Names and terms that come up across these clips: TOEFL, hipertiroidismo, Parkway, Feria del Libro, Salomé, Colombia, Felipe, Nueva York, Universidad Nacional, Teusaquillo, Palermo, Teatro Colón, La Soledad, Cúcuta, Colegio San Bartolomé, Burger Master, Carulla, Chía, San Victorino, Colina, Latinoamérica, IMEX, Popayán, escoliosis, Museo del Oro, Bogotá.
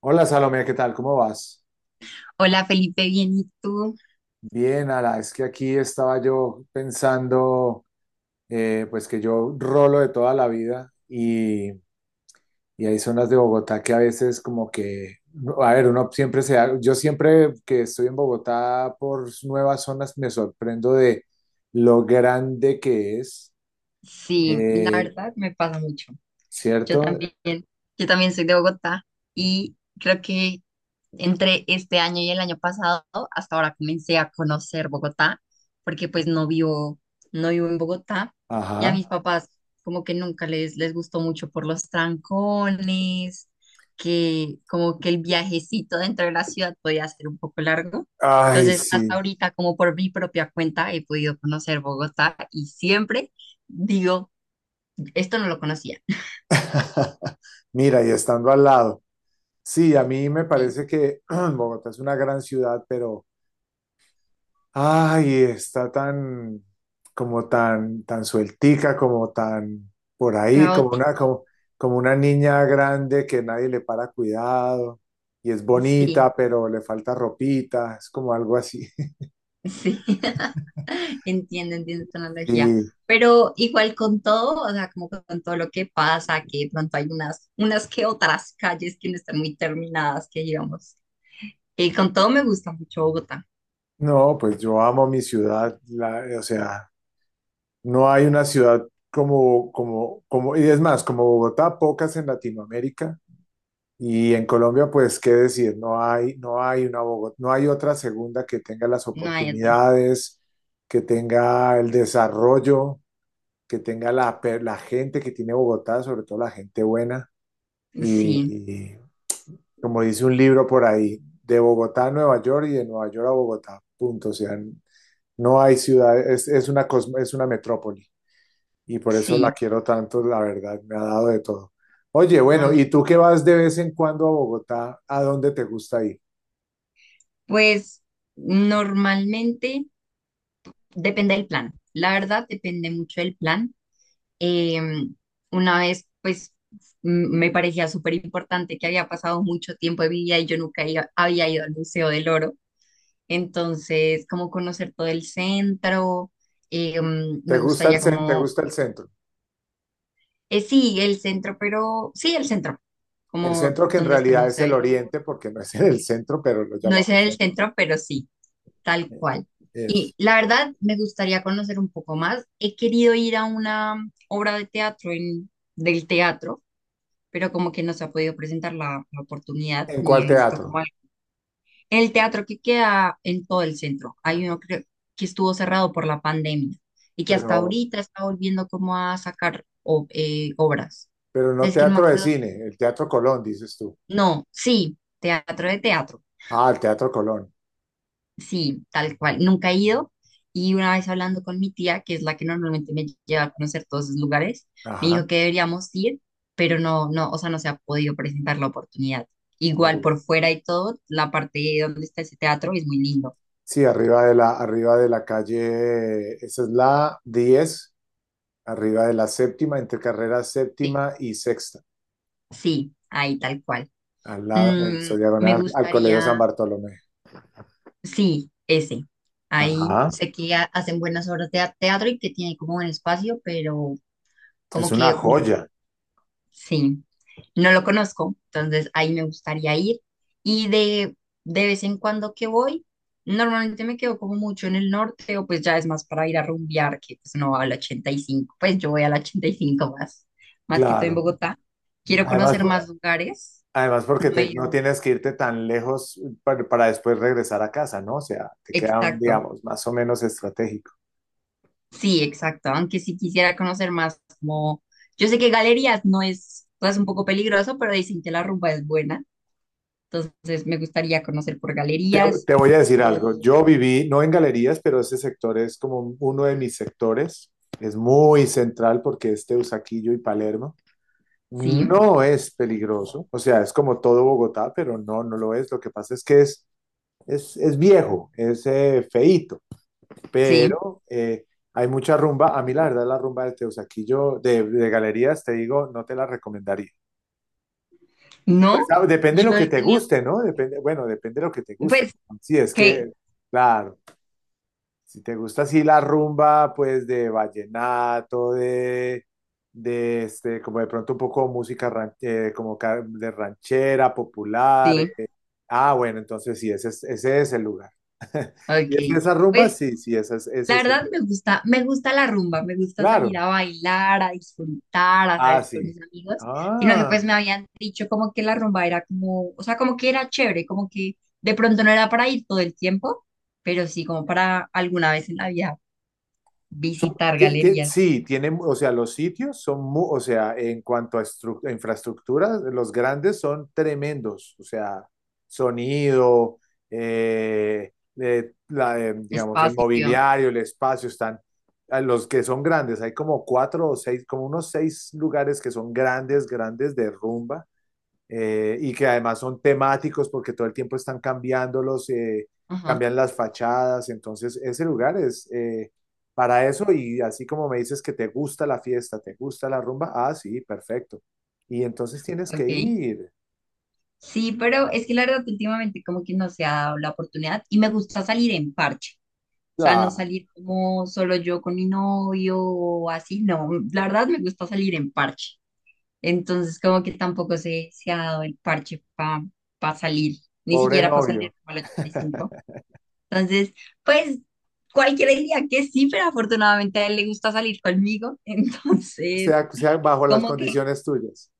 Hola Salomé, ¿qué tal? ¿Cómo vas? Hola Felipe, bien, ¿y tú? Bien, Ala, es que aquí estaba yo pensando, pues que yo rolo de toda la vida y hay zonas de Bogotá que a veces como que, no, a ver, uno siempre se da, yo siempre que estoy en Bogotá por nuevas zonas me sorprendo de lo grande que es, Sí, la eh, verdad me pasa mucho. Yo ¿cierto? también, yo también soy de Bogotá y creo que entre este año y el año pasado, hasta ahora comencé a conocer Bogotá, porque pues no vivo, no vivo en Bogotá y a Ajá. mis papás como que nunca les gustó mucho por los trancones, que como que el viajecito dentro de la ciudad podía ser un poco largo. Ay, Entonces, sí. hasta ahorita, como por mi propia cuenta, he podido conocer Bogotá y siempre digo, esto no lo conocía. Mira, y estando al lado. Sí, a mí me Sí, parece que Bogotá es una gran ciudad, pero ay, está tan como tan sueltica, como tan por ahí, como una caótico, como, como una niña grande que nadie le para cuidado y es sí. bonita, pero le falta ropita, es como algo así. Sí, entiendo, entiendo tu analogía. Y Pero igual con todo, o sea, como con todo lo que pasa, que de pronto hay unas, unas que otras calles que no están muy terminadas, que digamos. Y con todo me gusta mucho Bogotá, no, pues yo amo mi ciudad, o sea, no hay una ciudad como y es más, como Bogotá, pocas en Latinoamérica. Y en Colombia, pues, qué decir, no hay una Bogotá, no hay otra segunda que tenga las no hay otra. oportunidades, que tenga el desarrollo, que tenga la gente que tiene Bogotá, sobre todo la gente buena. Y, Sí, y como dice un libro por ahí, de Bogotá a Nueva York y de Nueva York a Bogotá, punto. O sea, no hay ciudad, es una metrópoli y por eso la sí, quiero tanto, la verdad, me ha dado de todo. Oye, a bueno, mí. ¿y tú que vas de vez en cuando a Bogotá? ¿A dónde te gusta ir? Pues normalmente depende del plan. La verdad, depende mucho del plan. Eh, una vez, pues, me parecía súper importante que había pasado mucho tiempo de mi vida y yo nunca iba- había ido al Museo del Oro. Entonces, como conocer todo el centro, ¿Te me gusta el gustaría centro? ¿Te gusta el centro? Sí, el centro, pero sí, el centro, El como centro que en donde está el realidad es Museo el del Oro. oriente, porque no es en el centro, pero lo No es en llamamos el centro. centro, pero sí, tal Eh, cual. Y Es. la verdad, me gustaría conocer un poco más. He querido ir a una obra de teatro en, del teatro, pero como que no se ha podido presentar la oportunidad ¿En ni cuál he visto teatro? como el teatro que queda en todo el centro. Hay uno, creo, que estuvo cerrado por la pandemia y que Pero, hasta ahorita está volviendo como a obras. pero no Es que no me teatro de acuerdo. cine, el Teatro Colón, dices tú. No, sí, teatro de teatro. Ah, el Teatro Colón. Sí, tal cual. Nunca he ido. Y una vez hablando con mi tía, que es la que normalmente me lleva a conocer todos esos lugares, me Ajá. dijo que deberíamos ir, pero no, no, o sea, no se ha podido presentar la oportunidad. Uh, Igual por fuera y todo, la parte donde está ese teatro es muy lindo. sí, arriba de la calle, esa es la 10 arriba de la séptima, entre carrera Sí, séptima y sexta, sí, ahí tal cual. al lado de su Me diagonal al Colegio San gustaría, Bartolomé. sí, ese. Ahí Ajá, sé que hacen buenas obras de teatro y que tiene como un espacio, pero es como una que, ul- joya, sí, no lo conozco, entonces ahí me gustaría ir. Y de, de vez en cuando que voy, normalmente me quedo como mucho en el norte, o pues ya es más para ir a rumbear, que pues no va al 85, pues yo voy al 85 más, más que todo en claro. Bogotá. Quiero Además, conocer más lugares. además porque No he no ido- tienes que irte tan lejos para después regresar a casa, ¿no? O sea, te queda, Exacto, digamos, más o menos estratégico. sí, exacto, aunque sí quisiera conocer más como, yo sé que galerías no es, o sea, es un poco peligroso, pero dicen que la rumba es buena, entonces me gustaría conocer por Te, galerías te voy a decir algo, o... yo viví, no en galerías, pero ese sector es como uno de mis sectores, es muy central porque es Teusaquillo y Palermo. Sí, No es peligroso, o sea, es como todo Bogotá, pero no lo es. Lo que pasa es que es viejo, es feíto, sí, pero hay mucha rumba. A mí, la verdad, la rumba de Teusaquillo, de galerías, te digo, no te la recomendaría. Pues no, depende de lo yo que he te tenido, guste, ¿no? Depende, bueno, depende de lo que te guste. pues, Sí, es que, que, claro. Si te gusta así la rumba, pues de vallenato, de este, como de pronto un poco música como de ranchera, popular. sí, Ah, bueno, entonces sí, ese es el lugar. Si ok, es esa rumba, pues, sí, sí, ese es, la ese es el verdad lugar. Me gusta la rumba, me gusta salir Claro. a bailar, a disfrutar, a Ah, salir con sí. mis amigos, sino que pues Ah. me habían dicho como que la rumba era como, o sea, como que era chévere, como que de pronto no era para ir todo el tiempo, pero sí como para alguna vez en la vida visitar galerías, Sí, tienen, o sea, los sitios son, o sea, en cuanto a a infraestructura, los grandes son tremendos, o sea, sonido, eh, digamos, el espacio, mobiliario, el espacio, están, a los que son grandes, hay como cuatro o seis, como unos seis lugares que son grandes, grandes de rumba, y que además son temáticos porque todo el tiempo están cambiándolos, ajá, cambian las fachadas, entonces ese lugar es para eso y así como me dices que te gusta la fiesta, te gusta la rumba, ah, sí, perfecto. Y entonces tienes que ok. ir. Sí, pero es que la verdad últimamente como que no se ha dado la oportunidad y me gusta salir en parche. O sea, no Ah, salir como solo yo con mi novio o así, no. La verdad me gusta salir en parche. Entonces, como que tampoco se ha dado el parche para salir, ni pobre siquiera para novio, salir como el 85. Entonces, pues cualquiera diría que sí, pero afortunadamente a él le gusta salir conmigo. Entonces, sea bajo las como que, condiciones tuyas.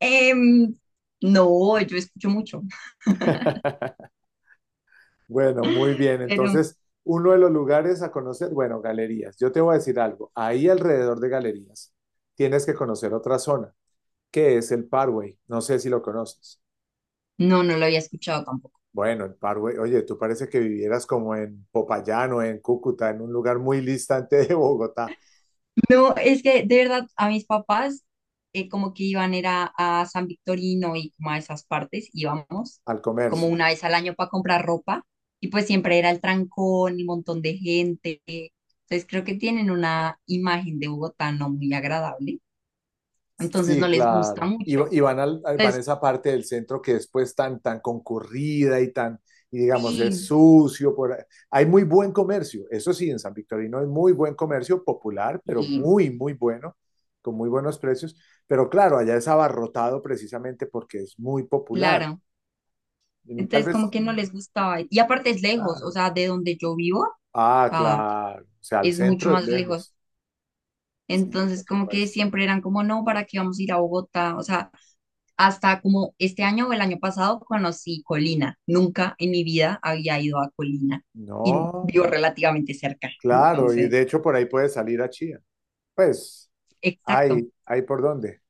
em, no, yo escucho mucho, Bueno, muy bien, pero entonces. Uno de los lugares a conocer, bueno, galerías. Yo te voy a decir algo. Ahí alrededor de galerías tienes que conocer otra zona. ¿Qué es el Parway? No sé si lo conoces. no, no lo había escuchado. Bueno, el Parway, oye, tú parece que vivieras como en Popayán o en Cúcuta, en un lugar muy distante de Bogotá, No, es que de verdad a mis papás como que iban era a San Victorino y como a esas partes íbamos al como comercio. una vez al año para comprar ropa, y pues siempre era el trancón y un montón de gente. Entonces creo que tienen una imagen de Bogotá no muy agradable, entonces no Sí, les gusta claro. Y, va- mucho. y van, van a Entonces esa parte del centro que después tan, tan concurrida y tan, y digamos, es sí, sucio. Por ahí. Hay muy buen comercio, eso sí, en San Victorino hay muy buen comercio popular, pero sí, muy, muy bueno, con muy buenos precios. Pero claro, allá es abarrotado precisamente porque es muy popular. claro. Mm, tal Entonces como vez. que no les gustaba. Y aparte es lejos, o Claro. sea, de donde yo vivo, o Ah, claro. O sea, al es mucho centro es más lejos. lejos. Sí, Entonces, por como que supuesto. siempre eran como, no, ¿para qué vamos a ir a Bogotá? O sea, hasta como este año o el año pasado conocí Colina. Nunca en mi vida había ido a Colina y No, vivo relativamente cerca. claro. Y Entonces, de hecho por ahí puedes salir a Chía. Pues, exacto. hay por dónde.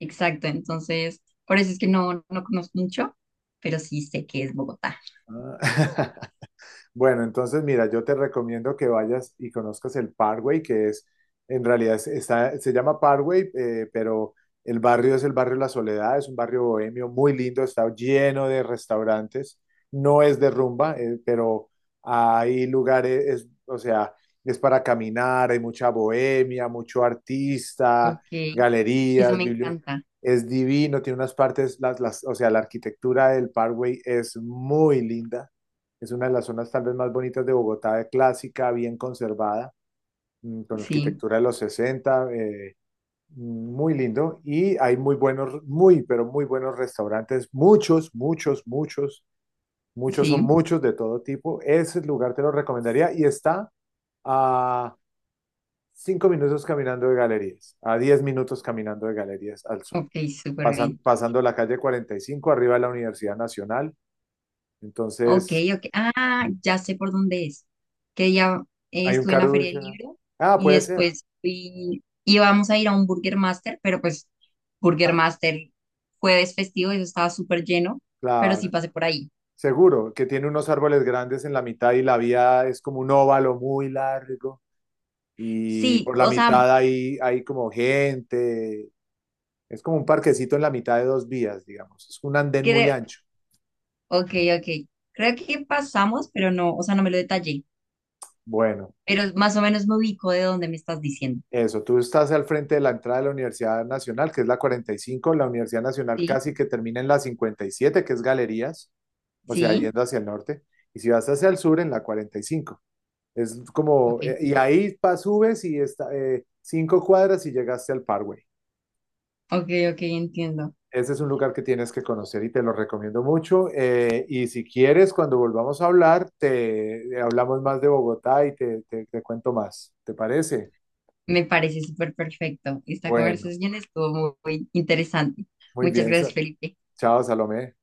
Exacto, entonces, por eso es que no, no conozco mucho, pero sí sé que es Bogotá. Ah. Bueno, entonces mira, yo te recomiendo que vayas y conozcas el Parkway, que es, en realidad está, se llama Parkway, pero el barrio es el barrio La Soledad, es un barrio bohemio muy lindo, está lleno de restaurantes, no es de rumba, pero hay lugares, o sea, es para caminar, hay mucha bohemia, mucho Ok, artista, eso galerías, me bibliotecas. encanta. Es divino, tiene unas partes, o sea, la arquitectura del Parkway es muy linda. Es una de las zonas tal vez más bonitas de Bogotá, clásica, bien conservada, con Sí, arquitectura de los 60 muy lindo. Y hay muy buenos, muy, pero muy buenos restaurantes, muchos, muchos, muchos, muchos son sí. muchos de todo tipo. Ese lugar te lo recomendaría y está a 5 minutos caminando de galerías, a 10 minutos caminando de galerías al sur, Ok, súper bien. pasando la calle 45 arriba de la Universidad Nacional. Ok, Entonces, ok. Ah, ya sé por dónde es. Que ya hay un estuve en la Feria del Carulla. Libro Ah, y puede ser. después fui, íbamos a ir a un Burger Master, pero pues Burger Ah, Master jueves festivo, eso estaba súper lleno, pero sí claro, pasé por ahí. seguro que tiene unos árboles grandes en la mitad y la vía es como un óvalo muy largo y Sí, por la o sea, mitad hay como gente, es como un parquecito en la mitad de dos vías, digamos, es un andén muy creo, ancho. ok, ok. Creo que pasamos, pero no, o sea, no me lo detallé, Bueno, pero más o menos me ubico de dónde me estás diciendo. eso, tú estás al frente de la entrada de la Universidad Nacional, que es la 45, la Universidad Nacional Sí, casi que termina en la 57, que es Galerías, o sea, sí, yendo hacia el norte, y si vas hacia el sur, en la 45. Es como, ok, y ahí subes y está, 5 cuadras y llegaste al Parkway. ok, ok, entiendo. Ese es un lugar que tienes que conocer y te lo recomiendo mucho. Y si quieres, cuando volvamos a hablar, te hablamos más de Bogotá y te cuento más. ¿Te parece? Me parece súper perfecto. Esta Bueno, conversación estuvo muy muy interesante. muy Muchas bien. gracias, Felipe. Chao, Salomé.